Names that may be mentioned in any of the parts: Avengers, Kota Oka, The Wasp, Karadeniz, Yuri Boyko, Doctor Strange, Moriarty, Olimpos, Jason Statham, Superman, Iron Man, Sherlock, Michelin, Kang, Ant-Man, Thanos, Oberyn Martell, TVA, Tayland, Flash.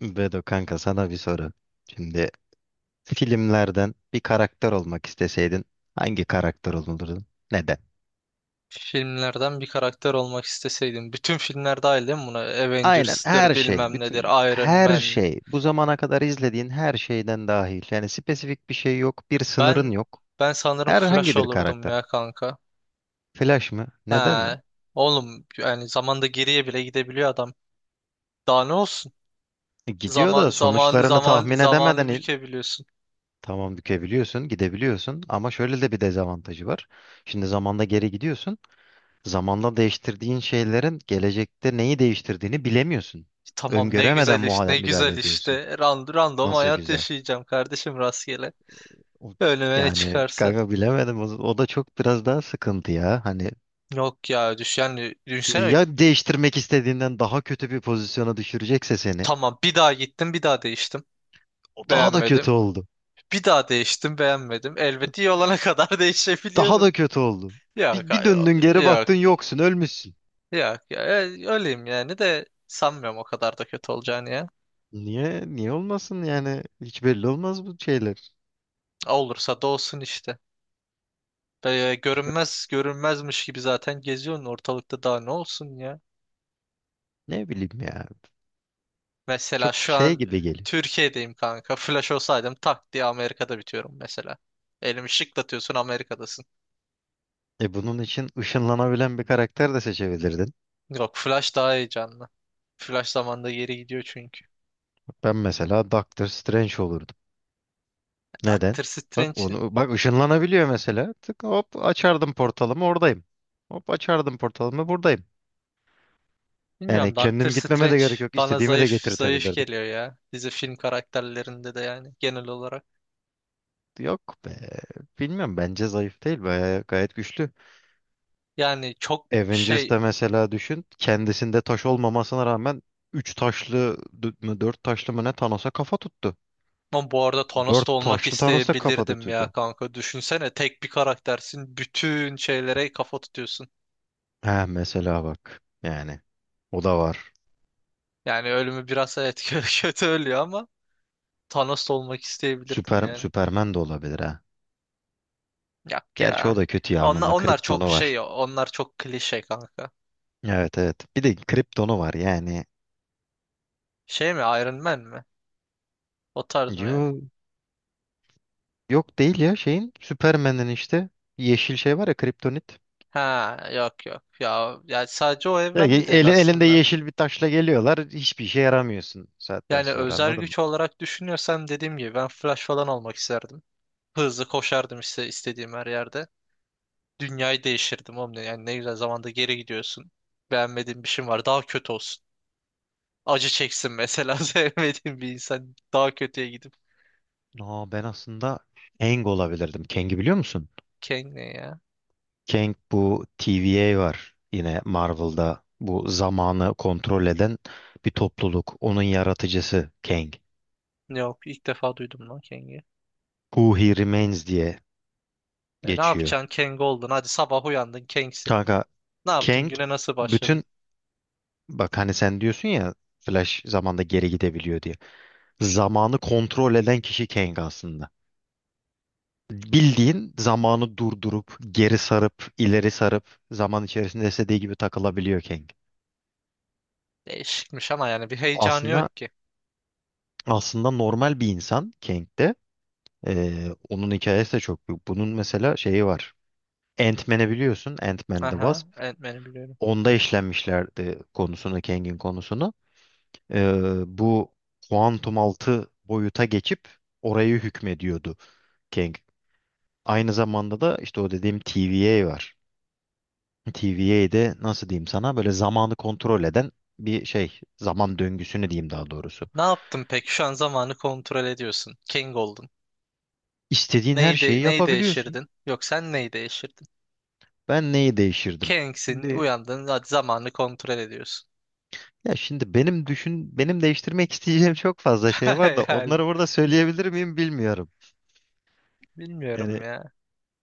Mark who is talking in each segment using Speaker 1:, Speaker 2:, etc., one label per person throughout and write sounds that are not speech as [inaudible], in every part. Speaker 1: Bedo kanka, sana bir soru. Şimdi filmlerden bir karakter olmak isteseydin hangi karakter olurdun? Neden?
Speaker 2: Filmlerden bir karakter olmak isteseydim. Bütün filmler dahil değil mi buna?
Speaker 1: Aynen
Speaker 2: Avengers'tır,
Speaker 1: her şey,
Speaker 2: bilmem
Speaker 1: bütün
Speaker 2: nedir, Iron
Speaker 1: her
Speaker 2: Man.
Speaker 1: şey, bu zamana kadar izlediğin her şeyden dahil. Yani spesifik bir şey yok, bir sınırın
Speaker 2: Ben
Speaker 1: yok.
Speaker 2: ben sanırım
Speaker 1: Herhangi
Speaker 2: Flash
Speaker 1: bir
Speaker 2: olurdum
Speaker 1: karakter.
Speaker 2: ya kanka.
Speaker 1: Flash mı?
Speaker 2: He.
Speaker 1: Neden lan?
Speaker 2: Oğlum yani zamanda geriye bile gidebiliyor adam. Daha ne olsun?
Speaker 1: Gidiyor
Speaker 2: Zaman
Speaker 1: da
Speaker 2: zaman
Speaker 1: sonuçlarını
Speaker 2: zaman
Speaker 1: tahmin edemeden
Speaker 2: zamanı bükebiliyorsun.
Speaker 1: tamam, bükebiliyorsun, gidebiliyorsun ama şöyle de bir dezavantajı var. Şimdi zamanda geri gidiyorsun. Zamanla değiştirdiğin şeylerin gelecekte neyi değiştirdiğini bilemiyorsun.
Speaker 2: Tamam ne
Speaker 1: Öngöremeden
Speaker 2: güzel iş, ne
Speaker 1: müdahale
Speaker 2: güzel
Speaker 1: ediyorsun.
Speaker 2: işte. Random
Speaker 1: Nasıl
Speaker 2: hayat
Speaker 1: güzel.
Speaker 2: yaşayacağım kardeşim, rastgele.
Speaker 1: O-
Speaker 2: Önüme ne
Speaker 1: yani
Speaker 2: çıkarsa.
Speaker 1: kanka, bilemedim. O da çok biraz daha sıkıntı ya. Hani
Speaker 2: Yok ya düş yani
Speaker 1: şimdi
Speaker 2: düşünsene,
Speaker 1: ya değiştirmek istediğinden daha kötü bir pozisyona düşürecekse seni.
Speaker 2: tamam bir daha gittim, bir daha değiştim.
Speaker 1: O daha da
Speaker 2: Beğenmedim.
Speaker 1: kötü oldu.
Speaker 2: Bir daha değiştim, beğenmedim. Elbette iyi olana [laughs] kadar
Speaker 1: Daha
Speaker 2: değişebiliyorum.
Speaker 1: da kötü oldu.
Speaker 2: Yok
Speaker 1: Bir
Speaker 2: ay- yok
Speaker 1: döndün, geri
Speaker 2: Yok
Speaker 1: baktın, yoksun, ölmüşsün.
Speaker 2: ya. Öyleyim yani de sanmıyorum o kadar da kötü olacağını ya.
Speaker 1: Niye? Niye olmasın yani? Hiç belli olmaz bu şeyler.
Speaker 2: Olursa da olsun işte. Böyle görünmezmiş gibi zaten geziyorsun ortalıkta, daha ne olsun ya.
Speaker 1: Ne bileyim ya.
Speaker 2: Mesela
Speaker 1: Çok
Speaker 2: şu
Speaker 1: şey
Speaker 2: an
Speaker 1: gibi geliyor.
Speaker 2: Türkiye'deyim kanka. Flash olsaydım tak diye Amerika'da bitiyorum mesela. Elimi şıklatıyorsun, Amerika'dasın.
Speaker 1: E bunun için ışınlanabilen bir karakter de seçebilirdin.
Speaker 2: Yok, Flash daha heyecanlı. Flash zamanda geri gidiyor çünkü.
Speaker 1: Ben mesela Doctor Strange olurdum. Neden?
Speaker 2: Doctor
Speaker 1: Bak
Speaker 2: Strange.
Speaker 1: onu, bak ışınlanabiliyor mesela. Tık, hop açardım portalımı, oradayım. Hop açardım portalımı, buradayım. Yani
Speaker 2: Bilmiyorum, Doctor
Speaker 1: kendim gitmeme de
Speaker 2: Strange
Speaker 1: gerek yok.
Speaker 2: bana
Speaker 1: İstediğimi de
Speaker 2: zayıf
Speaker 1: getirtebilirdim.
Speaker 2: geliyor ya. Dizi film karakterlerinde de yani genel olarak.
Speaker 1: Yok be. Bilmiyorum, bence zayıf değil. Bayağı gayet güçlü.
Speaker 2: Yani çok şey,
Speaker 1: Avengers'da mesela düşün. Kendisinde taş olmamasına rağmen 3 taşlı d- mı 4 taşlı mı ne, Thanos'a kafa tuttu.
Speaker 2: ama bu arada
Speaker 1: 4
Speaker 2: Thanos'ta olmak
Speaker 1: taşlı Thanos'a kafa
Speaker 2: isteyebilirdim ya
Speaker 1: tuttu.
Speaker 2: kanka. Düşünsene, tek bir karaktersin. Bütün şeylere kafa tutuyorsun.
Speaker 1: Ha mesela bak yani, o da var.
Speaker 2: Yani ölümü biraz, evet, [laughs] kötü ölüyor ama Thanos'ta olmak isteyebilirdim
Speaker 1: Süper,
Speaker 2: yani.
Speaker 1: Süperman de olabilir ha.
Speaker 2: Yok
Speaker 1: Gerçi o
Speaker 2: ya.
Speaker 1: da kötü ya, onun
Speaker 2: Onlar,
Speaker 1: da
Speaker 2: onlar çok
Speaker 1: kriptonu
Speaker 2: şey,
Speaker 1: var.
Speaker 2: onlar çok klişe kanka.
Speaker 1: Evet, evet. Bir de kriptonu var yani.
Speaker 2: Şey mi, Iron Man mi? O tarz mı yani?
Speaker 1: Yo, yok değil ya, şeyin Süpermen'in işte yeşil şey var ya, kriptonit.
Speaker 2: Ha yok, yok ya, yani sadece o evrende değil
Speaker 1: Eli, elinde
Speaker 2: aslında.
Speaker 1: yeşil bir taşla geliyorlar. Hiçbir işe yaramıyorsun saatten
Speaker 2: Yani
Speaker 1: sonra,
Speaker 2: özel
Speaker 1: anladın mı?
Speaker 2: güç olarak düşünüyorsam dediğim gibi ben Flash falan olmak isterdim. Hızlı koşardım işte istediğim her yerde. Dünyayı değiştirdim oğlum, yani ne güzel, zamanda geri gidiyorsun. Beğenmediğin bir şey var, daha kötü olsun. Acı çeksin mesela, [laughs] sevmediğin bir insan daha kötüye gidip.
Speaker 1: Aa, ben aslında Kang olabilirdim. Kang'i biliyor musun?
Speaker 2: Kang ne ya?
Speaker 1: Kang, bu TVA var yine Marvel'da, bu zamanı kontrol eden bir topluluk. Onun yaratıcısı Kang.
Speaker 2: Yok, ilk defa duydum lan Kang'i.
Speaker 1: Who He Remains diye
Speaker 2: Ne
Speaker 1: geçiyor.
Speaker 2: yapacaksın Kang oldun, hadi sabah uyandın Kang'sin.
Speaker 1: Kanka,
Speaker 2: Ne yaptın,
Speaker 1: Kang
Speaker 2: güne nasıl başladın?
Speaker 1: bütün, bak hani sen diyorsun ya Flash zamanda geri gidebiliyor diye. Zamanı kontrol eden kişi Kang aslında. Bildiğin zamanı durdurup, geri sarıp, ileri sarıp zaman içerisinde istediği gibi takılabiliyor Kang.
Speaker 2: Değişikmiş ama yani bir heyecanı
Speaker 1: Aslında
Speaker 2: yok ki.
Speaker 1: aslında normal bir insan Kang de. Onun hikayesi de çok büyük. Bunun mesela şeyi var. Ant-Man'i biliyorsun. Ant-Man The Wasp.
Speaker 2: Aha, Ant-Man'i biliyorum.
Speaker 1: Onda işlenmişlerdi konusunu, Kang'in konusunu. Bu kuantum altı boyuta geçip orayı hükmediyordu Kang. Aynı zamanda da işte o dediğim TVA var. TVA'de, nasıl diyeyim sana, böyle zamanı kontrol eden bir şey. Zaman döngüsünü diyeyim daha doğrusu.
Speaker 2: Ne yaptın peki? Şu an zamanı kontrol ediyorsun. King oldun.
Speaker 1: İstediğin her şeyi
Speaker 2: Neyi
Speaker 1: yapabiliyorsun.
Speaker 2: değiştirdin? Yok sen neyi değiştirdin?
Speaker 1: Ben neyi değişirdim?
Speaker 2: King'sin, uyandın, hadi zamanı kontrol ediyorsun.
Speaker 1: Ya şimdi benim, düşün benim değiştirmek isteyeceğim çok fazla şey var da
Speaker 2: [laughs] Yani
Speaker 1: onları burada söyleyebilir miyim bilmiyorum.
Speaker 2: bilmiyorum
Speaker 1: Yani
Speaker 2: ya.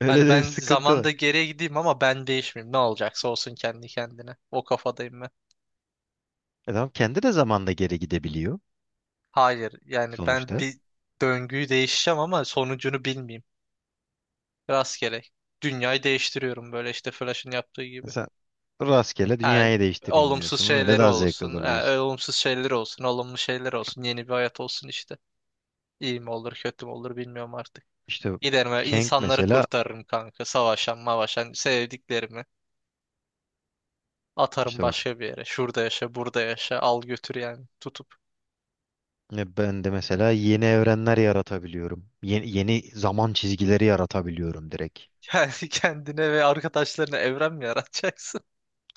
Speaker 1: öyle
Speaker 2: Hani
Speaker 1: de bir
Speaker 2: ben
Speaker 1: sıkıntı var.
Speaker 2: zamanda geriye gideyim ama ben değişmeyeyim. Ne olacaksa olsun kendi kendine. O kafadayım ben.
Speaker 1: Adam kendi de zamanda geri gidebiliyor
Speaker 2: Hayır, yani ben
Speaker 1: sonuçta.
Speaker 2: bir döngüyü değişeceğim ama sonucunu bilmeyeyim. Rastgele. Dünyayı değiştiriyorum böyle işte Flash'ın yaptığı gibi.
Speaker 1: Sen rastgele
Speaker 2: Ha,
Speaker 1: dünyayı değiştireyim
Speaker 2: olumsuz
Speaker 1: diyorsun. Öyle
Speaker 2: şeyleri
Speaker 1: daha zevkli
Speaker 2: olsun.
Speaker 1: olur
Speaker 2: Ha,
Speaker 1: diyorsun.
Speaker 2: olumsuz şeyleri olsun. Olumlu şeyler olsun. Yeni bir hayat olsun işte. İyi mi olur kötü mü olur bilmiyorum artık.
Speaker 1: İşte
Speaker 2: Giderim ve
Speaker 1: Kang
Speaker 2: insanları
Speaker 1: mesela,
Speaker 2: kurtarırım kanka. Savaşan mavaşan sevdiklerimi. Atarım
Speaker 1: işte bak
Speaker 2: başka bir yere. Şurada yaşa, burada yaşa. Al götür yani tutup.
Speaker 1: ya, ben de mesela yeni evrenler yaratabiliyorum. Yeni zaman çizgileri yaratabiliyorum direkt.
Speaker 2: [laughs] Yani kendine ve arkadaşlarına evren mi yaratacaksın?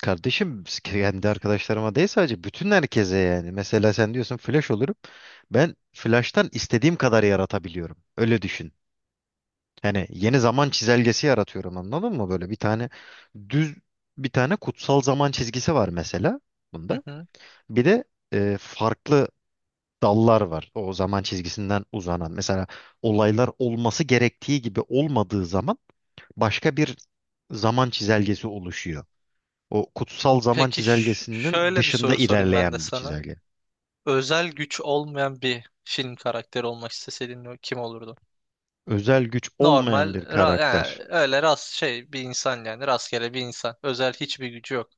Speaker 1: Kardeşim kendi arkadaşlarıma değil, sadece bütün herkese yani. Mesela sen diyorsun flash olurum. Ben flash'tan istediğim kadar yaratabiliyorum. Öyle düşün. Hani yeni zaman çizelgesi yaratıyorum, anladın mı? Böyle bir tane düz bir tane kutsal zaman çizgisi var mesela
Speaker 2: Hı
Speaker 1: bunda.
Speaker 2: hı.
Speaker 1: Bir de farklı dallar var, o zaman çizgisinden uzanan. Mesela olaylar olması gerektiği gibi olmadığı zaman başka bir zaman çizelgesi oluşuyor. O kutsal zaman
Speaker 2: Peki,
Speaker 1: çizelgesinin
Speaker 2: şöyle bir
Speaker 1: dışında
Speaker 2: soru sorayım ben de
Speaker 1: ilerleyen bir
Speaker 2: sana.
Speaker 1: çizelge.
Speaker 2: Özel güç olmayan bir film karakteri olmak isteseydin kim olurdu?
Speaker 1: Özel güç olmayan bir
Speaker 2: Yani
Speaker 1: karakter.
Speaker 2: öyle şey bir insan, yani rastgele bir insan. Özel hiçbir gücü yok.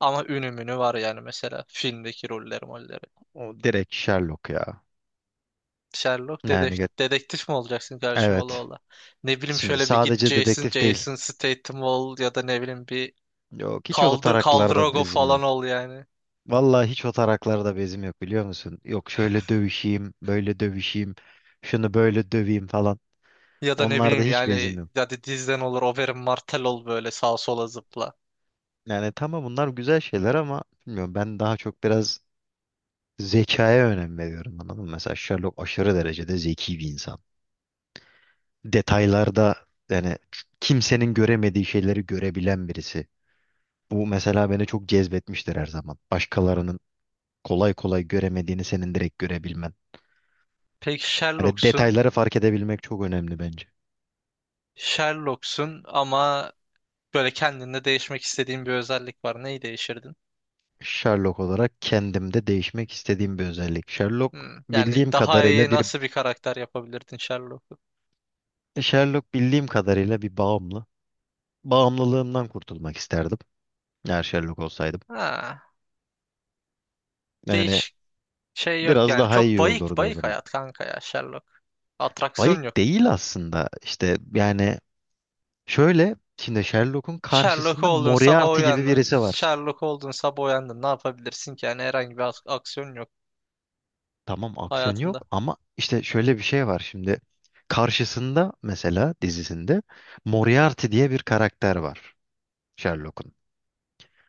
Speaker 2: Ama ünü münü var yani, mesela filmdeki rolleri molleri.
Speaker 1: O direkt Sherlock ya.
Speaker 2: Sherlock
Speaker 1: Yani ge-
Speaker 2: dedektif mi olacaksın karşıma ola
Speaker 1: evet.
Speaker 2: ola? Ne bileyim,
Speaker 1: Şimdi
Speaker 2: şöyle bir git
Speaker 1: sadece dedektif değil.
Speaker 2: Jason Statham ol, ya da ne bileyim bir
Speaker 1: Yok, hiç o taraklarda
Speaker 2: Kaldrogo
Speaker 1: bezim
Speaker 2: falan
Speaker 1: yok.
Speaker 2: ol yani.
Speaker 1: Vallahi hiç o taraklarda bezim yok, biliyor musun? Yok şöyle dövüşeyim, böyle dövüşeyim, şunu böyle döveyim falan.
Speaker 2: Ya da ne
Speaker 1: Onlarda
Speaker 2: bileyim
Speaker 1: hiç bezim
Speaker 2: yani,
Speaker 1: yok.
Speaker 2: hadi dizden olur Oberyn Martell ol, böyle sağa sola zıpla.
Speaker 1: Yani tamam, bunlar güzel şeyler ama bilmiyorum, ben daha çok biraz zekaya önem veriyorum, anladın mı? Mesela Sherlock aşırı derecede zeki bir insan. Detaylarda yani kimsenin göremediği şeyleri görebilen birisi. Bu mesela beni çok cezbetmiştir her zaman. Başkalarının kolay kolay göremediğini senin direkt görebilmen.
Speaker 2: Peki
Speaker 1: Yani
Speaker 2: Sherlock'sun.
Speaker 1: detayları fark edebilmek çok önemli bence.
Speaker 2: Sherlock'sun ama böyle kendinde değişmek istediğin bir özellik var. Neyi değişirdin?
Speaker 1: Sherlock olarak kendimde değişmek istediğim bir özellik.
Speaker 2: Hmm. Yani
Speaker 1: Bildiğim
Speaker 2: daha iyi
Speaker 1: kadarıyla bir
Speaker 2: nasıl bir karakter yapabilirdin Sherlock'u?
Speaker 1: Sherlock bildiğim kadarıyla bir bağımlı. Bağımlılığımdan kurtulmak isterdim. Eğer Sherlock olsaydım.
Speaker 2: Ha,
Speaker 1: Yani
Speaker 2: değiş şey yok
Speaker 1: biraz
Speaker 2: yani.
Speaker 1: daha
Speaker 2: Çok
Speaker 1: iyi
Speaker 2: bayık
Speaker 1: olurdu o
Speaker 2: bayık
Speaker 1: zaman.
Speaker 2: hayat kanka ya, Sherlock. Atraksiyon yok.
Speaker 1: Bayık değil aslında. İşte yani, şöyle şimdi Sherlock'un
Speaker 2: Sherlock
Speaker 1: karşısında
Speaker 2: oldun sabah
Speaker 1: Moriarty gibi
Speaker 2: uyandın.
Speaker 1: birisi var.
Speaker 2: Sherlock oldun sabah uyandın. Ne yapabilirsin ki? Yani herhangi bir aksiyon yok
Speaker 1: Tamam aksiyon
Speaker 2: hayatında.
Speaker 1: yok, ama işte şöyle bir şey var şimdi. Karşısında mesela dizisinde Moriarty diye bir karakter var Sherlock'un.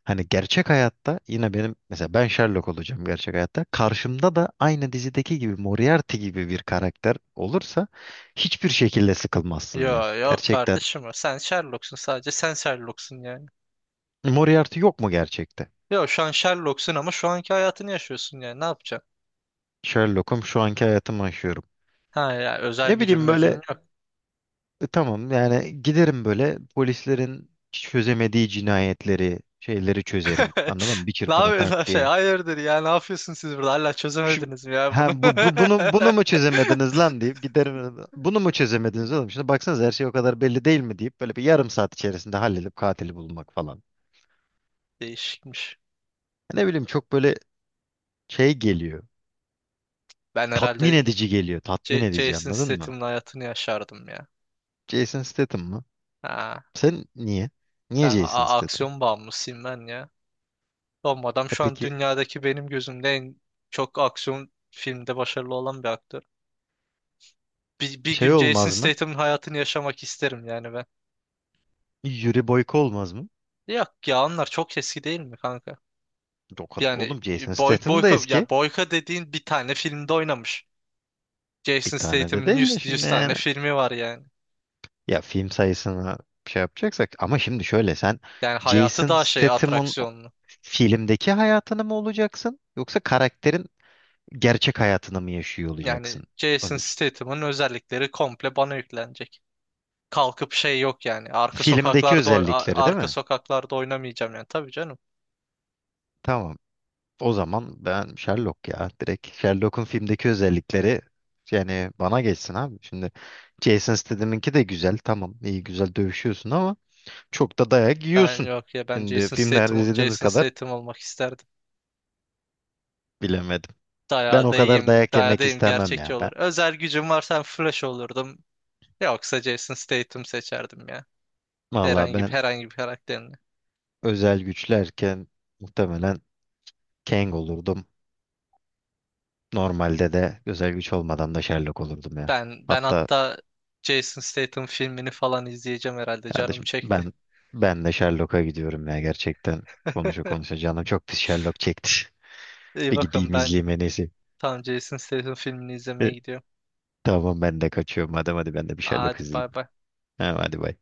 Speaker 1: Hani gerçek hayatta yine benim mesela, ben Sherlock olacağım gerçek hayatta. Karşımda da aynı dizideki gibi Moriarty gibi bir karakter olursa hiçbir şekilde sıkılmazsın ya.
Speaker 2: Yo yok
Speaker 1: Gerçekten
Speaker 2: kardeşim o. Sen Sherlock'sun sadece. Sen Sherlock'sun yani.
Speaker 1: Moriarty yok mu gerçekte?
Speaker 2: Yo, şu an Sherlock'sun ama şu anki hayatını yaşıyorsun yani. Ne yapacaksın?
Speaker 1: Sherlock'um, şu anki hayatımı yaşıyorum.
Speaker 2: Ha ya, özel
Speaker 1: Ne
Speaker 2: gücün
Speaker 1: bileyim
Speaker 2: mücün
Speaker 1: böyle
Speaker 2: yok.
Speaker 1: Tamam, yani giderim, böyle polislerin çözemediği cinayetleri, şeyleri çözerim. Anladın mı?
Speaker 2: [laughs]
Speaker 1: Bir
Speaker 2: Ne
Speaker 1: çırpıda
Speaker 2: yapıyorsun
Speaker 1: tak
Speaker 2: şey?
Speaker 1: diye.
Speaker 2: Hayırdır ya, ne yapıyorsun siz burada? Hala
Speaker 1: Şimdi
Speaker 2: çözemediniz mi ya
Speaker 1: ha,
Speaker 2: bunu?
Speaker 1: bu, bu bunu, mu çözemediniz lan deyip giderim. Bunu mu çözemediniz oğlum? Şimdi baksanız her şey o kadar belli değil mi, deyip böyle bir yarım saat içerisinde halledip katili bulmak falan.
Speaker 2: [laughs] Değişikmiş.
Speaker 1: Ne bileyim çok böyle şey geliyor.
Speaker 2: Ben
Speaker 1: Tatmin
Speaker 2: herhalde
Speaker 1: edici geliyor. Tatmin edici,
Speaker 2: Jason
Speaker 1: anladın mı?
Speaker 2: Statham'ın hayatını yaşardım ya.
Speaker 1: Jason Statham mı?
Speaker 2: Ha,
Speaker 1: Sen niye? Niye Jason Statham?
Speaker 2: aksiyon bağımlısıyım ben ya. Oğlum adam
Speaker 1: E
Speaker 2: şu an
Speaker 1: peki
Speaker 2: dünyadaki benim gözümde en çok aksiyon filmde başarılı olan bir aktör. Bir
Speaker 1: şey
Speaker 2: gün Jason
Speaker 1: olmaz mı?
Speaker 2: Statham'ın hayatını yaşamak isterim yani ben.
Speaker 1: Yuri Boyko olmaz mı?
Speaker 2: Yok ya, onlar çok eski değil mi kanka?
Speaker 1: O,
Speaker 2: Yani
Speaker 1: oğlum Jason Statham da
Speaker 2: boyka,
Speaker 1: eski.
Speaker 2: ya boyka dediğin bir tane filmde oynamış.
Speaker 1: Bir
Speaker 2: Jason
Speaker 1: tane de
Speaker 2: Statham'ın
Speaker 1: değil de
Speaker 2: 100, 100
Speaker 1: şimdi
Speaker 2: tane
Speaker 1: yani.
Speaker 2: filmi var yani.
Speaker 1: Ya film sayısını şey yapacaksak, ama şimdi şöyle, sen
Speaker 2: Yani hayatı
Speaker 1: Jason
Speaker 2: daha şey,
Speaker 1: Statham'ın
Speaker 2: atraksiyonlu.
Speaker 1: filmdeki hayatını mı olacaksın yoksa karakterin gerçek hayatını mı yaşıyor
Speaker 2: Yani
Speaker 1: olacaksın? Onu
Speaker 2: Jason
Speaker 1: düşün.
Speaker 2: Statham'ın özellikleri komple bana yüklenecek. Kalkıp şey yok yani. Arka
Speaker 1: Filmdeki
Speaker 2: sokaklarda
Speaker 1: özellikleri değil
Speaker 2: arka
Speaker 1: mi?
Speaker 2: sokaklarda oynamayacağım yani. Tabii canım.
Speaker 1: Tamam. O zaman ben Sherlock ya. Direkt Sherlock'un filmdeki özellikleri yani bana geçsin abi. Şimdi Jason Statham'ınki de güzel. Tamam iyi, güzel dövüşüyorsun ama çok da dayak
Speaker 2: Ben
Speaker 1: yiyorsun.
Speaker 2: yok ya, ben
Speaker 1: Şimdi filmlerde izlediğimiz
Speaker 2: Jason
Speaker 1: kadar
Speaker 2: Statham olmak isterdim.
Speaker 1: bilemedim. Ben
Speaker 2: Dayağı
Speaker 1: o
Speaker 2: da
Speaker 1: kadar
Speaker 2: iyiyim.
Speaker 1: dayak
Speaker 2: Dayağı da
Speaker 1: yemek
Speaker 2: iyiyim.
Speaker 1: istemem
Speaker 2: Gerçekçi
Speaker 1: ya ben.
Speaker 2: olur. Özel gücüm varsa Flash olurdum. Yoksa Jason Statham seçerdim ya.
Speaker 1: Valla ben
Speaker 2: Herhangi bir karakterin.
Speaker 1: özel güçlerken muhtemelen Kang olurdum. Normalde de özel güç olmadan da Sherlock olurdum ya.
Speaker 2: Ben
Speaker 1: Hatta
Speaker 2: hatta Jason Statham filmini falan izleyeceğim herhalde. Canım
Speaker 1: kardeşim,
Speaker 2: çekti.
Speaker 1: ben de Sherlock'a gidiyorum ya gerçekten. Konuşa
Speaker 2: [laughs]
Speaker 1: konuşa canım çok pis Sherlock çekti. [laughs]
Speaker 2: İyi
Speaker 1: Bir
Speaker 2: bakın,
Speaker 1: gideyim
Speaker 2: ben
Speaker 1: izleyeyim en iyisi.
Speaker 2: tam Jason Statham filmini
Speaker 1: E,
Speaker 2: izlemeye gidiyorum.
Speaker 1: Tamam, ben de kaçıyorum. Madem hadi ben de bir Sherlock
Speaker 2: Hadi
Speaker 1: izleyeyim.
Speaker 2: bay bay.
Speaker 1: Ha, hadi bay.